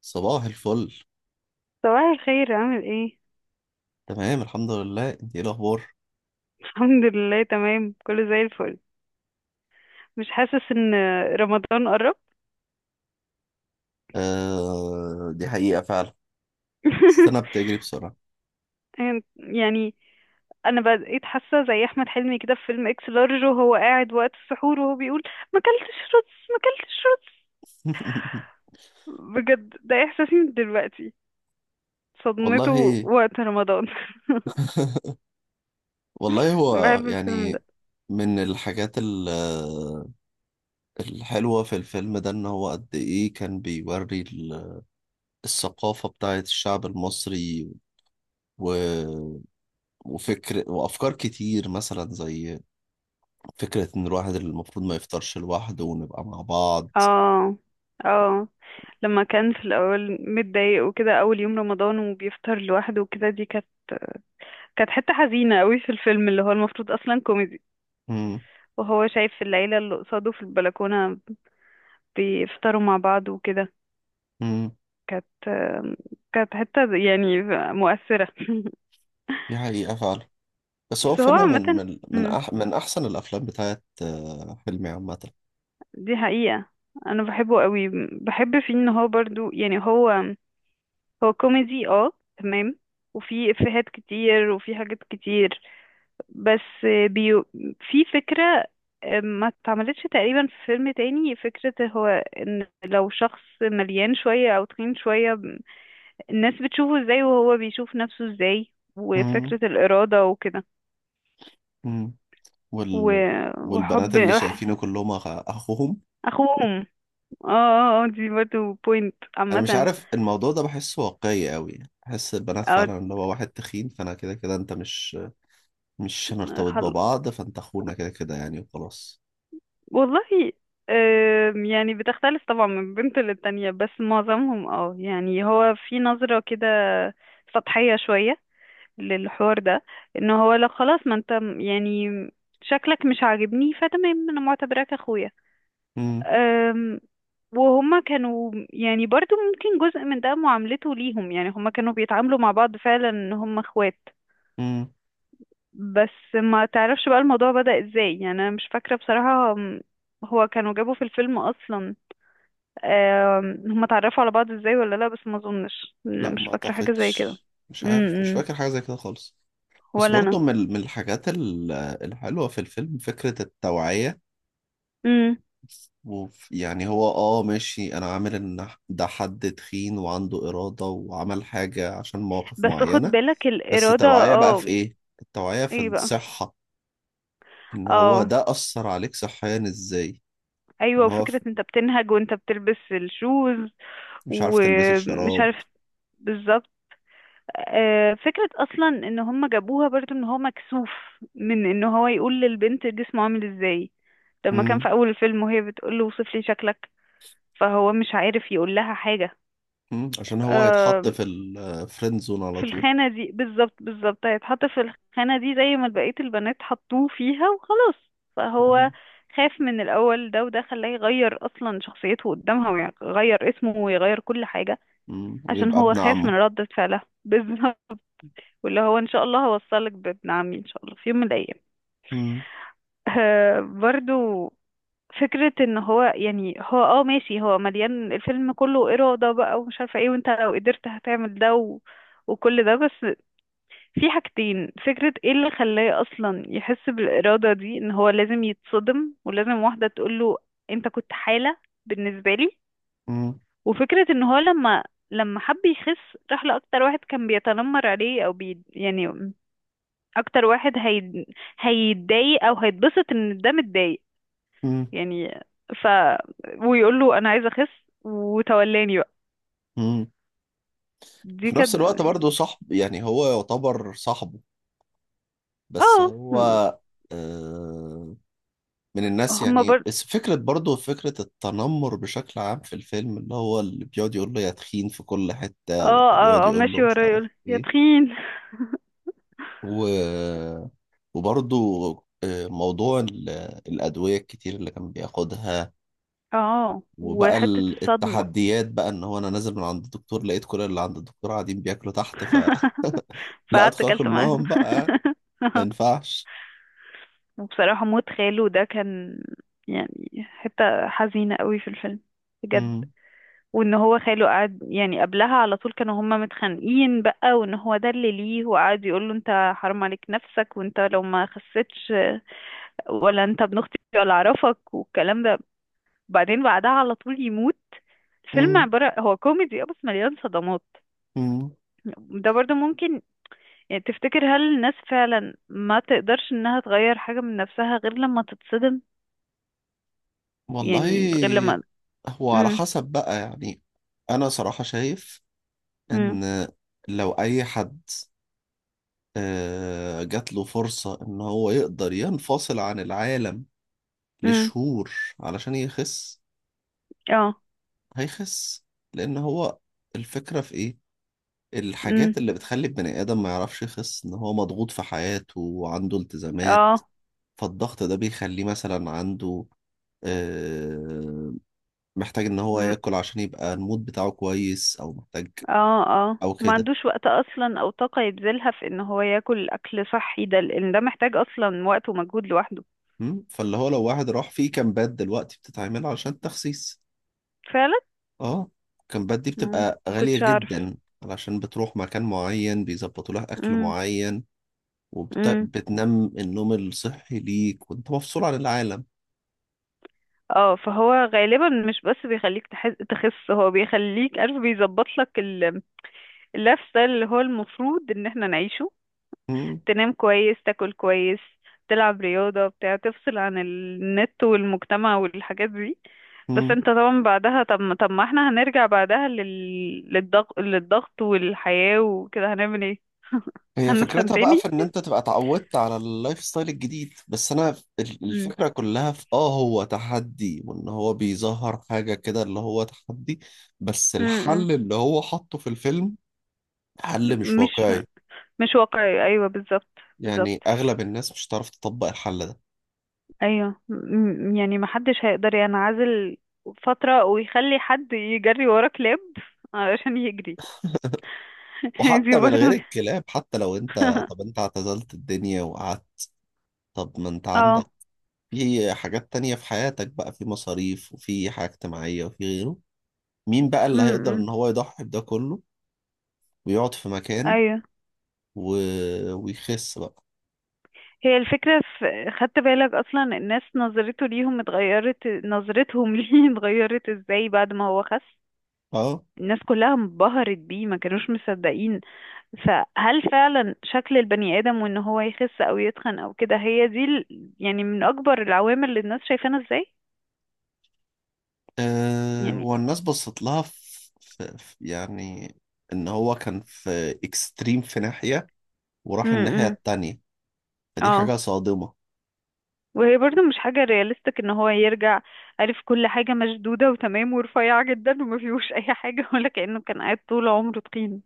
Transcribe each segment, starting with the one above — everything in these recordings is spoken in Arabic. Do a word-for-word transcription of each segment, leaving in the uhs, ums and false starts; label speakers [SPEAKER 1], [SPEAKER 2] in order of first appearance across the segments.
[SPEAKER 1] صباح الفل.
[SPEAKER 2] صباح الخير، عامل ايه؟
[SPEAKER 1] تمام الحمد لله، انت ايه الاخبار؟
[SPEAKER 2] الحمد لله تمام، كله زي الفل. مش حاسس ان رمضان قرب؟
[SPEAKER 1] آه دي حقيقة فعلا. السنة بتجري بسرعة.
[SPEAKER 2] يعني انا بقيت حاسه زي احمد حلمي كده في فيلم اكس لارج، وهو قاعد وقت السحور وهو بيقول: ما اكلتش رز، ما اكلتش رز. بجد ده احساسي من دلوقتي، صدمته
[SPEAKER 1] والله
[SPEAKER 2] وقت رمضان.
[SPEAKER 1] والله هو
[SPEAKER 2] بحب الفيلم ده.
[SPEAKER 1] يعني من الحاجات ال- الحلوة في الفيلم ده ان هو قد ايه كان بيوري ال- الثقافة بتاعة الشعب المصري و... وفكر وافكار كتير، مثلا زي فكرة ان الواحد المفروض ما يفطرش لوحده ونبقى مع بعض.
[SPEAKER 2] اه اه، لما كان في الاول متضايق وكده اول يوم رمضان وبيفطر لوحده وكده، دي كانت كانت حتة حزينة قوي في الفيلم، اللي هو المفروض أصلا كوميدي.
[SPEAKER 1] مم.
[SPEAKER 2] وهو شايف العيلة اللي قصاده في البلكونة بيفطروا مع بعض وكده.
[SPEAKER 1] مم.
[SPEAKER 2] كانت كانت حتة يعني مؤثرة.
[SPEAKER 1] دي حقيقة فعلا. بس هو
[SPEAKER 2] بس هو
[SPEAKER 1] فيلم من
[SPEAKER 2] عامة،
[SPEAKER 1] من من
[SPEAKER 2] مم،
[SPEAKER 1] أح من أحسن الأفلام بتاعت آه، حلمي عامة.
[SPEAKER 2] دي حقيقة. أنا بحبه قوي، بحب فيه إن هو برضو، يعني هو هو كوميدي اه، تمام، وفي إفيهات كتير وفي حاجات كتير، بس بيو في فكرة آه، ما اتعملتش تقريبا في فيلم تاني. فكرة هو ان لو شخص مليان شوية او تخين شوية، الناس بتشوفه ازاي وهو بيشوف نفسه ازاي،
[SPEAKER 1] مم.
[SPEAKER 2] وفكرة الإرادة وكده،
[SPEAKER 1] مم. وال
[SPEAKER 2] و-
[SPEAKER 1] والبنات
[SPEAKER 2] وحب.
[SPEAKER 1] اللي شايفينه كلهم أخ- أخوهم.
[SPEAKER 2] اخوهم. اه اه، آه، دي برضه بوينت
[SPEAKER 1] أنا مش
[SPEAKER 2] عامة.
[SPEAKER 1] عارف الموضوع ده بحسه واقعي قوي. بحس البنات
[SPEAKER 2] آه،
[SPEAKER 1] فعلا، اللي هو واحد تخين فأنا كده كده أنت مش مش هنرتبط
[SPEAKER 2] خل...
[SPEAKER 1] ببعض فأنت أخونا كده كده يعني وخلاص.
[SPEAKER 2] والله، آم، يعني بتختلف طبعا من بنت للتانية، بس معظمهم اه، يعني هو في نظرة كده سطحية شوية للحوار ده، ان هو لو خلاص ما انت م- يعني شكلك مش عاجبني، فتمام انا معتبراك اخويا.
[SPEAKER 1] مم.
[SPEAKER 2] أم، وهما كانوا يعني برضو ممكن جزء من ده معاملته ليهم، يعني هما كانوا بيتعاملوا مع بعض فعلا ان هما اخوات.
[SPEAKER 1] مم.
[SPEAKER 2] بس ما تعرفش بقى الموضوع بدأ ازاي، يعني انا مش فاكرة بصراحة. أم، هو كانوا جابوا في الفيلم اصلا، أم، هما اتعرفوا على بعض ازاي ولا لا؟ بس ما اظنش، أنا
[SPEAKER 1] لا،
[SPEAKER 2] مش
[SPEAKER 1] ما
[SPEAKER 2] فاكرة حاجة زي كده.
[SPEAKER 1] أعتقدش. مش عارف مش
[SPEAKER 2] امم
[SPEAKER 1] فاكر حاجة زي كده خالص. بس
[SPEAKER 2] ولا
[SPEAKER 1] برضه من ال- من الحاجات ال- الحلوة في الفيلم فكرة التوعية،
[SPEAKER 2] انا.
[SPEAKER 1] وف- يعني هو اه ماشي، انا عامل ان ده حد تخين وعنده إرادة وعمل حاجة عشان مواقف
[SPEAKER 2] بس خد
[SPEAKER 1] معينة،
[SPEAKER 2] بالك،
[SPEAKER 1] بس
[SPEAKER 2] الإرادة
[SPEAKER 1] التوعية بقى في
[SPEAKER 2] اه،
[SPEAKER 1] ايه؟ التوعية في
[SPEAKER 2] ايه بقى،
[SPEAKER 1] الصحة، ان هو
[SPEAKER 2] اه
[SPEAKER 1] ده أثر عليك صحيا ازاي؟ ان
[SPEAKER 2] ايوه،
[SPEAKER 1] هو ف-
[SPEAKER 2] وفكرة انت بتنهج وانت بتلبس الشوز
[SPEAKER 1] مش عارف تلبس
[SPEAKER 2] ومش
[SPEAKER 1] الشراب.
[SPEAKER 2] عارف، بالظبط. آه، فكرة اصلا ان هم جابوها برضو، ان هو مكسوف من ان هو يقول للبنت جسمه عامل ازاي، لما كان
[SPEAKER 1] مم.
[SPEAKER 2] في اول الفيلم وهي بتقول له: وصف لي شكلك، فهو مش عارف يقول لها حاجة.
[SPEAKER 1] مم. عشان هو هيتحط
[SPEAKER 2] آه،
[SPEAKER 1] في الفريند زون على
[SPEAKER 2] في
[SPEAKER 1] طول.
[SPEAKER 2] الخانة دي بالظبط، بالظبط هيتحط في الخانة دي زي ما بقية البنات حطوه فيها وخلاص. فهو
[SPEAKER 1] مم.
[SPEAKER 2] خاف من الأول، ده وده خلاه يغير أصلا شخصيته قدامها ويغير اسمه ويغير كل حاجة،
[SPEAKER 1] مم.
[SPEAKER 2] عشان
[SPEAKER 1] ويبقى
[SPEAKER 2] هو
[SPEAKER 1] ابن
[SPEAKER 2] خاف من
[SPEAKER 1] عمه.
[SPEAKER 2] ردة فعلها. بالظبط، واللي هو: إن شاء الله هوصلك بابن عمي إن شاء الله في يوم من الأيام.
[SPEAKER 1] مم.
[SPEAKER 2] آه برضو فكرة ان هو، يعني هو اه ماشي، هو مليان الفيلم كله إرادة بقى ومش عارفة ايه، وانت لو قدرت هتعمل ده و... وكل ده، بس في حاجتين. فكرة ايه اللي خلاه اصلا يحس بالارادة دي؟ ان هو لازم يتصدم، ولازم واحدة تقوله: انت كنت حالة بالنسبة لي.
[SPEAKER 1] مم.
[SPEAKER 2] وفكرة ان هو لما لما حب يخس، راح لأكتر واحد كان بيتنمر عليه او بي، يعني اكتر واحد هي... هيتضايق او هيتبسط ان ده متضايق،
[SPEAKER 1] مم.
[SPEAKER 2] يعني ف ويقول له انا عايزة اخس وتولاني بقى.
[SPEAKER 1] مم.
[SPEAKER 2] دي
[SPEAKER 1] في نفس
[SPEAKER 2] كانت،
[SPEAKER 1] الوقت برضه صاحب، يعني هو يعتبر صاحبه، بس
[SPEAKER 2] اه.
[SPEAKER 1] هو آه من الناس
[SPEAKER 2] هما بر
[SPEAKER 1] يعني. بس فكرة برضه فكرة التنمر بشكل عام في الفيلم، اللي هو اللي بيقعد يقول له يا تخين في كل حتة، واللي
[SPEAKER 2] اه
[SPEAKER 1] بيقعد
[SPEAKER 2] اه اه
[SPEAKER 1] يقول له
[SPEAKER 2] ماشي،
[SPEAKER 1] مش
[SPEAKER 2] ورايا
[SPEAKER 1] عارف
[SPEAKER 2] يقول يا
[SPEAKER 1] ايه،
[SPEAKER 2] تخين.
[SPEAKER 1] و... وبرضه آه، موضوع ال- الأدوية الكتير اللي كان بياخدها،
[SPEAKER 2] اه،
[SPEAKER 1] وبقى
[SPEAKER 2] وحتة
[SPEAKER 1] ال-
[SPEAKER 2] الصدمة.
[SPEAKER 1] التحديات بقى ان هو انا نازل من عند الدكتور لقيت كل اللي عند الدكتور قاعدين بياكلوا تحت ف لا
[SPEAKER 2] فقعدت
[SPEAKER 1] ادخل اكل
[SPEAKER 2] اكلت معاهم.
[SPEAKER 1] معاهم بقى، ما ينفعش.
[SPEAKER 2] وبصراحة موت خاله ده كان يعني حتة حزينة قوي في الفيلم، بجد.
[SPEAKER 1] مم.
[SPEAKER 2] وان هو خاله قعد يعني قبلها على طول كانوا هما متخانقين بقى، وان هو ده اللي ليه، وقعد يقول له: انت حرام عليك نفسك، وانت لو ما خسيتش ولا انت ابن اختي ولا اعرفك والكلام ده. بعدين بعدها على طول يموت. الفيلم
[SPEAKER 1] مم.
[SPEAKER 2] عبارة هو كوميدي اه، بس مليان صدمات.
[SPEAKER 1] مم.
[SPEAKER 2] ده برضو ممكن، يعني تفتكر هل الناس فعلا ما تقدرش انها تغير حاجة من نفسها غير لما تتصدم؟ يعني غير
[SPEAKER 1] والله،
[SPEAKER 2] لما،
[SPEAKER 1] هو على
[SPEAKER 2] امم
[SPEAKER 1] حسب بقى يعني. انا صراحة شايف
[SPEAKER 2] امم،
[SPEAKER 1] ان لو اي حد آه، جات له فرصة ان هو يقدر ينفصل عن العالم
[SPEAKER 2] امم،
[SPEAKER 1] لشهور علشان يخس،
[SPEAKER 2] اه،
[SPEAKER 1] هيخس. لان هو الفكرة في ايه؟
[SPEAKER 2] امم،
[SPEAKER 1] الحاجات اللي بتخلي البني ادم ما يعرفش يخس ان هو مضغوط في حياته وعنده التزامات،
[SPEAKER 2] اه،
[SPEAKER 1] فالضغط ده بيخليه مثلا عنده آه، محتاج ان هو
[SPEAKER 2] مم،
[SPEAKER 1] ياكل عشان يبقى المود بتاعه كويس، او محتاج،
[SPEAKER 2] اه اه.
[SPEAKER 1] او
[SPEAKER 2] ما
[SPEAKER 1] كده.
[SPEAKER 2] عندوش وقت اصلا او طاقة يبذلها في ان هو ياكل اكل صحي، ده لان ده محتاج اصلا وقت ومجهود لوحده.
[SPEAKER 1] مم؟ فاللي هو لو واحد راح في كامبات دلوقتي بتتعمل علشان التخسيس،
[SPEAKER 2] فعلا.
[SPEAKER 1] اه، الكامبات دي
[SPEAKER 2] مم.
[SPEAKER 1] بتبقى غالية
[SPEAKER 2] كنتش اعرف.
[SPEAKER 1] جدا، علشان بتروح مكان معين بيظبطوا لها اكل
[SPEAKER 2] امم
[SPEAKER 1] معين
[SPEAKER 2] امم،
[SPEAKER 1] وبتنام النوم الصحي ليك وانت مفصول عن العالم.
[SPEAKER 2] اه، فهو غالبا مش بس بيخليك تحس تخس، هو بيخليك عارف، بيظبط لك اللايف ستايل اللي هو المفروض ان احنا نعيشه:
[SPEAKER 1] مم؟
[SPEAKER 2] تنام كويس، تاكل كويس، تلعب رياضة بتاع، تفصل عن النت والمجتمع والحاجات دي. بس
[SPEAKER 1] مم؟
[SPEAKER 2] انت طبعا بعدها، طب ما طب ما احنا هنرجع بعدها لل... للضغط، للضغط والحياة وكده، هنعمل ايه؟
[SPEAKER 1] هي
[SPEAKER 2] هنتخن
[SPEAKER 1] فكرتها بقى
[SPEAKER 2] تاني.
[SPEAKER 1] في ان انت تبقى اتعودت على اللايف ستايل الجديد. بس انا ف- ال-
[SPEAKER 2] مم.
[SPEAKER 1] الفكرة كلها في اه هو تحدي، وان هو بيظهر حاجة كده اللي هو تحدي. بس
[SPEAKER 2] مم.
[SPEAKER 1] الحل اللي هو حطه في الفيلم حل مش
[SPEAKER 2] مش
[SPEAKER 1] واقعي،
[SPEAKER 2] مش واقعي، ايوه بالظبط.
[SPEAKER 1] يعني
[SPEAKER 2] بالظبط
[SPEAKER 1] اغلب الناس مش هتعرف تطبق الحل ده.
[SPEAKER 2] ايوه، م- م- يعني محدش هيقدر ينعزل فترة ويخلي حد يجري ورا كلاب علشان يجري. دي
[SPEAKER 1] وحتى من غير
[SPEAKER 2] برضه.
[SPEAKER 1] الكلاب، حتى لو انت طب انت اعتزلت الدنيا وقعدت، طب ما انت
[SPEAKER 2] اه
[SPEAKER 1] عندك في حاجات تانية في حياتك بقى، في مصاريف وفي حاجة اجتماعية وفي غيره. مين بقى
[SPEAKER 2] م-
[SPEAKER 1] اللي هيقدر
[SPEAKER 2] م.
[SPEAKER 1] ان هو يضحي بده كله ويقعد في مكان
[SPEAKER 2] ايوه.
[SPEAKER 1] و... ويخس بقى؟
[SPEAKER 2] هي الفكرة في، خدت بالك أصلا الناس نظرته ليهم اتغيرت، نظرتهم ليه اتغيرت ازاي بعد ما هو خس؟
[SPEAKER 1] اه.
[SPEAKER 2] الناس كلها انبهرت بيه، ما كانوش مصدقين. فهل فعلا شكل البني آدم وإن هو يخس أو يتخن أو كده هي دي ال... يعني من أكبر العوامل اللي الناس شايفانا ازاي؟
[SPEAKER 1] آه،
[SPEAKER 2] يعني.
[SPEAKER 1] هو الناس بصت لها في... في... في يعني ان هو كان في اكستريم في ناحية وراح الناحية
[SPEAKER 2] امم
[SPEAKER 1] التانية، فدي حاجة
[SPEAKER 2] اه،
[SPEAKER 1] صادمة.
[SPEAKER 2] وهي برضو مش حاجة رياليستيك ان هو يرجع، عارف، كل حاجة مشدودة وتمام ورفيعة جدا وما فيهوش اي حاجة، ولا كأنه كان قاعد طول عمره تخين،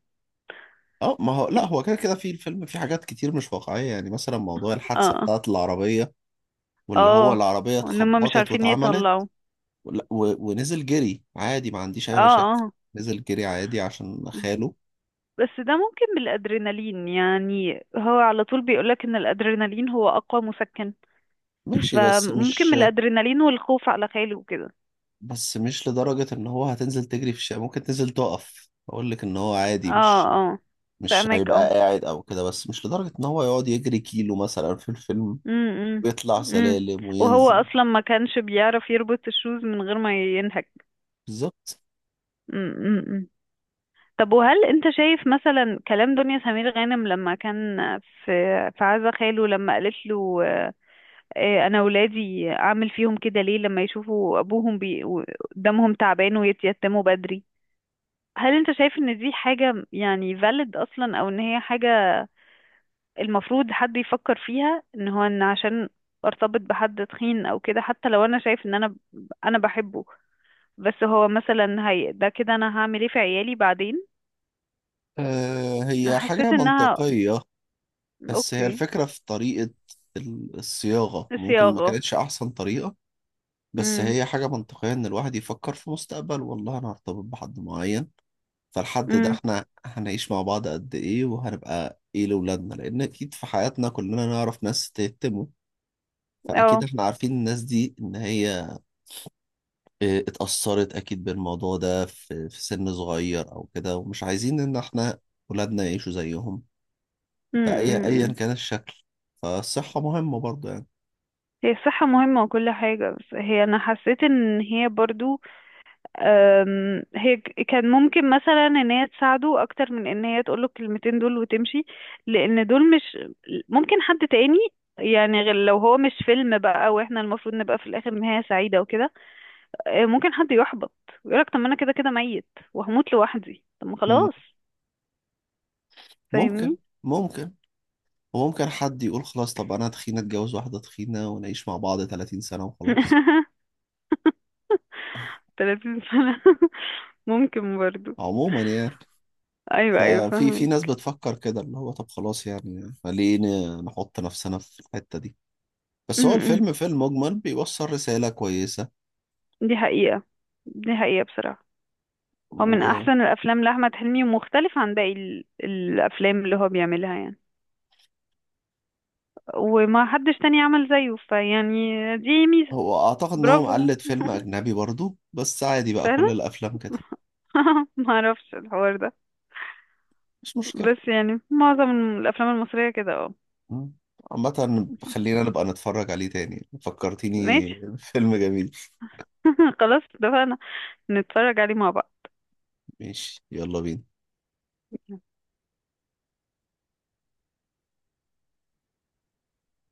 [SPEAKER 1] اه. ما هو لا،
[SPEAKER 2] يعني.
[SPEAKER 1] هو كده كده في الفيلم في حاجات كتير مش واقعية، يعني مثلا موضوع الحادثة
[SPEAKER 2] اه
[SPEAKER 1] بتاعت العربية، واللي هو
[SPEAKER 2] اه،
[SPEAKER 1] العربية
[SPEAKER 2] ان هم مش
[SPEAKER 1] اتخبطت
[SPEAKER 2] عارفين
[SPEAKER 1] واتعملت،
[SPEAKER 2] يطلعوا،
[SPEAKER 1] ولا- و- ونزل جري عادي ما عنديش
[SPEAKER 2] اه
[SPEAKER 1] أي مشاكل.
[SPEAKER 2] اه.
[SPEAKER 1] نزل جري عادي عشان خاله.
[SPEAKER 2] بس ده ممكن بالادرينالين، يعني هو على طول بيقولك ان الادرينالين هو اقوى مسكن،
[SPEAKER 1] ماشي، بس
[SPEAKER 2] فممكن
[SPEAKER 1] مش،
[SPEAKER 2] من الادرينالين والخوف على خاله وكده.
[SPEAKER 1] بس مش لدرجة إن هو هتنزل تجري في الشارع. ممكن تنزل تقف أقول لك إن هو
[SPEAKER 2] اه
[SPEAKER 1] عادي، مش
[SPEAKER 2] اه،
[SPEAKER 1] مش
[SPEAKER 2] فاهمك، اه.
[SPEAKER 1] هيبقى قاعد أو كده، بس مش لدرجة إن هو يقعد يجري كيلو مثلا في الفيلم
[SPEAKER 2] امم امم،
[SPEAKER 1] ويطلع
[SPEAKER 2] إمم،
[SPEAKER 1] سلالم
[SPEAKER 2] وهو
[SPEAKER 1] وينزل.
[SPEAKER 2] اصلا ما كانش بيعرف يربط الشوز من غير ما ينهك.
[SPEAKER 1] بالظبط.
[SPEAKER 2] امم إمم، إمم. طب وهل انت شايف مثلا كلام دنيا سمير غانم لما كان في في عزا خاله، لما قالت له آه، انا ولادي اعمل فيهم كده ليه؟ لما يشوفوا ابوهم بي... و- دمهم تعبان ويتيتموا بدري. هل انت شايف ان دي حاجة يعني valid اصلا، او ان هي حاجة المفروض حد يفكر فيها، ان هو ان عشان ارتبط بحد تخين او كده حتى لو انا شايف ان انا انا بحبه؟ بس هو مثلا هي ده كده انا هعمل ايه في عيالي بعدين؟
[SPEAKER 1] آه، هي
[SPEAKER 2] حسيت
[SPEAKER 1] حاجة
[SPEAKER 2] انها،
[SPEAKER 1] منطقية، بس هي
[SPEAKER 2] اوكي،
[SPEAKER 1] الفكرة في طريقة ال- الصياغة، ممكن ما
[SPEAKER 2] صياغة.
[SPEAKER 1] كانتش أحسن طريقة. بس
[SPEAKER 2] امم
[SPEAKER 1] هي حاجة منطقية إن الواحد يفكر في مستقبل، والله أنا هرتبط بحد معين، فالحد ده
[SPEAKER 2] امم،
[SPEAKER 1] إحنا هنعيش مع بعض قد إيه وهنبقى إيه لأولادنا؟ لأن أكيد في حياتنا كلنا نعرف ناس تهتموا، فأكيد
[SPEAKER 2] اه،
[SPEAKER 1] إحنا عارفين الناس دي إن هي إيه، اتأثرت أكيد بالموضوع ده في في سن صغير أو كده، ومش عايزين إن إحنا ولادنا يعيشوا زيهم، بأي أيا كان الشكل، فالصحة مهمة برضه.
[SPEAKER 2] هي الصحة مهمة وكل حاجة، بس هي أنا حسيت إن هي برضو، أم، هي ك- كان ممكن مثلا إن هي تساعده أكتر من إن هي تقوله الكلمتين دول وتمشي، لأن دول مش، ممكن حد تاني، يعني غير لو هو مش فيلم بقى وإحنا المفروض نبقى في الآخر نهاية سعيدة وكده. أه، ممكن حد يحبط ويقولك طب ما أنا كده كده ميت وهموت لوحدي، طب ما
[SPEAKER 1] يعني
[SPEAKER 2] خلاص.
[SPEAKER 1] ممكن،
[SPEAKER 2] فاهمني.
[SPEAKER 1] ممكن وممكن حد يقول خلاص، طب انا تخينة اتجوز واحدة تخينة ونعيش مع بعض ثلاثين سنة وخلاص.
[SPEAKER 2] تلاتين سنة. ممكن برضو.
[SPEAKER 1] عموما يعني،
[SPEAKER 2] أيوه أيوه،
[SPEAKER 1] ففي في ناس
[SPEAKER 2] فاهمك.
[SPEAKER 1] بتفكر كده، اللي هو طب خلاص يعني ليه ن- نحط نفسنا في الحتة دي؟ بس هو الفيلم في المجمل بيوصل رسالة كويسة.
[SPEAKER 2] دي حقيقة، دي حقيقة بصراحة. هو من
[SPEAKER 1] وهو
[SPEAKER 2] أحسن الأفلام لأحمد حلمي، ومختلف عن باقي ال- الأفلام اللي هو بيعملها يعني، وما حدش تاني عمل زيه، فيعني دي ميزة.
[SPEAKER 1] اعتقد ان هو
[SPEAKER 2] برافو،
[SPEAKER 1] مقلد فيلم اجنبي برضو، بس عادي بقى، كل
[SPEAKER 2] فعلا.
[SPEAKER 1] الافلام كده.
[SPEAKER 2] ما اعرفش الحوار ده.
[SPEAKER 1] مش مشكلة.
[SPEAKER 2] بس يعني معظم الأفلام المصرية كده اه.
[SPEAKER 1] مم. عامة خلينا نبقى نتفرج عليه تاني، فكرتيني.
[SPEAKER 2] ماشي.
[SPEAKER 1] فيلم جميل.
[SPEAKER 2] خلاص اتفقنا، نتفرج عليه مع بعض.
[SPEAKER 1] ماشي، يلا بينا.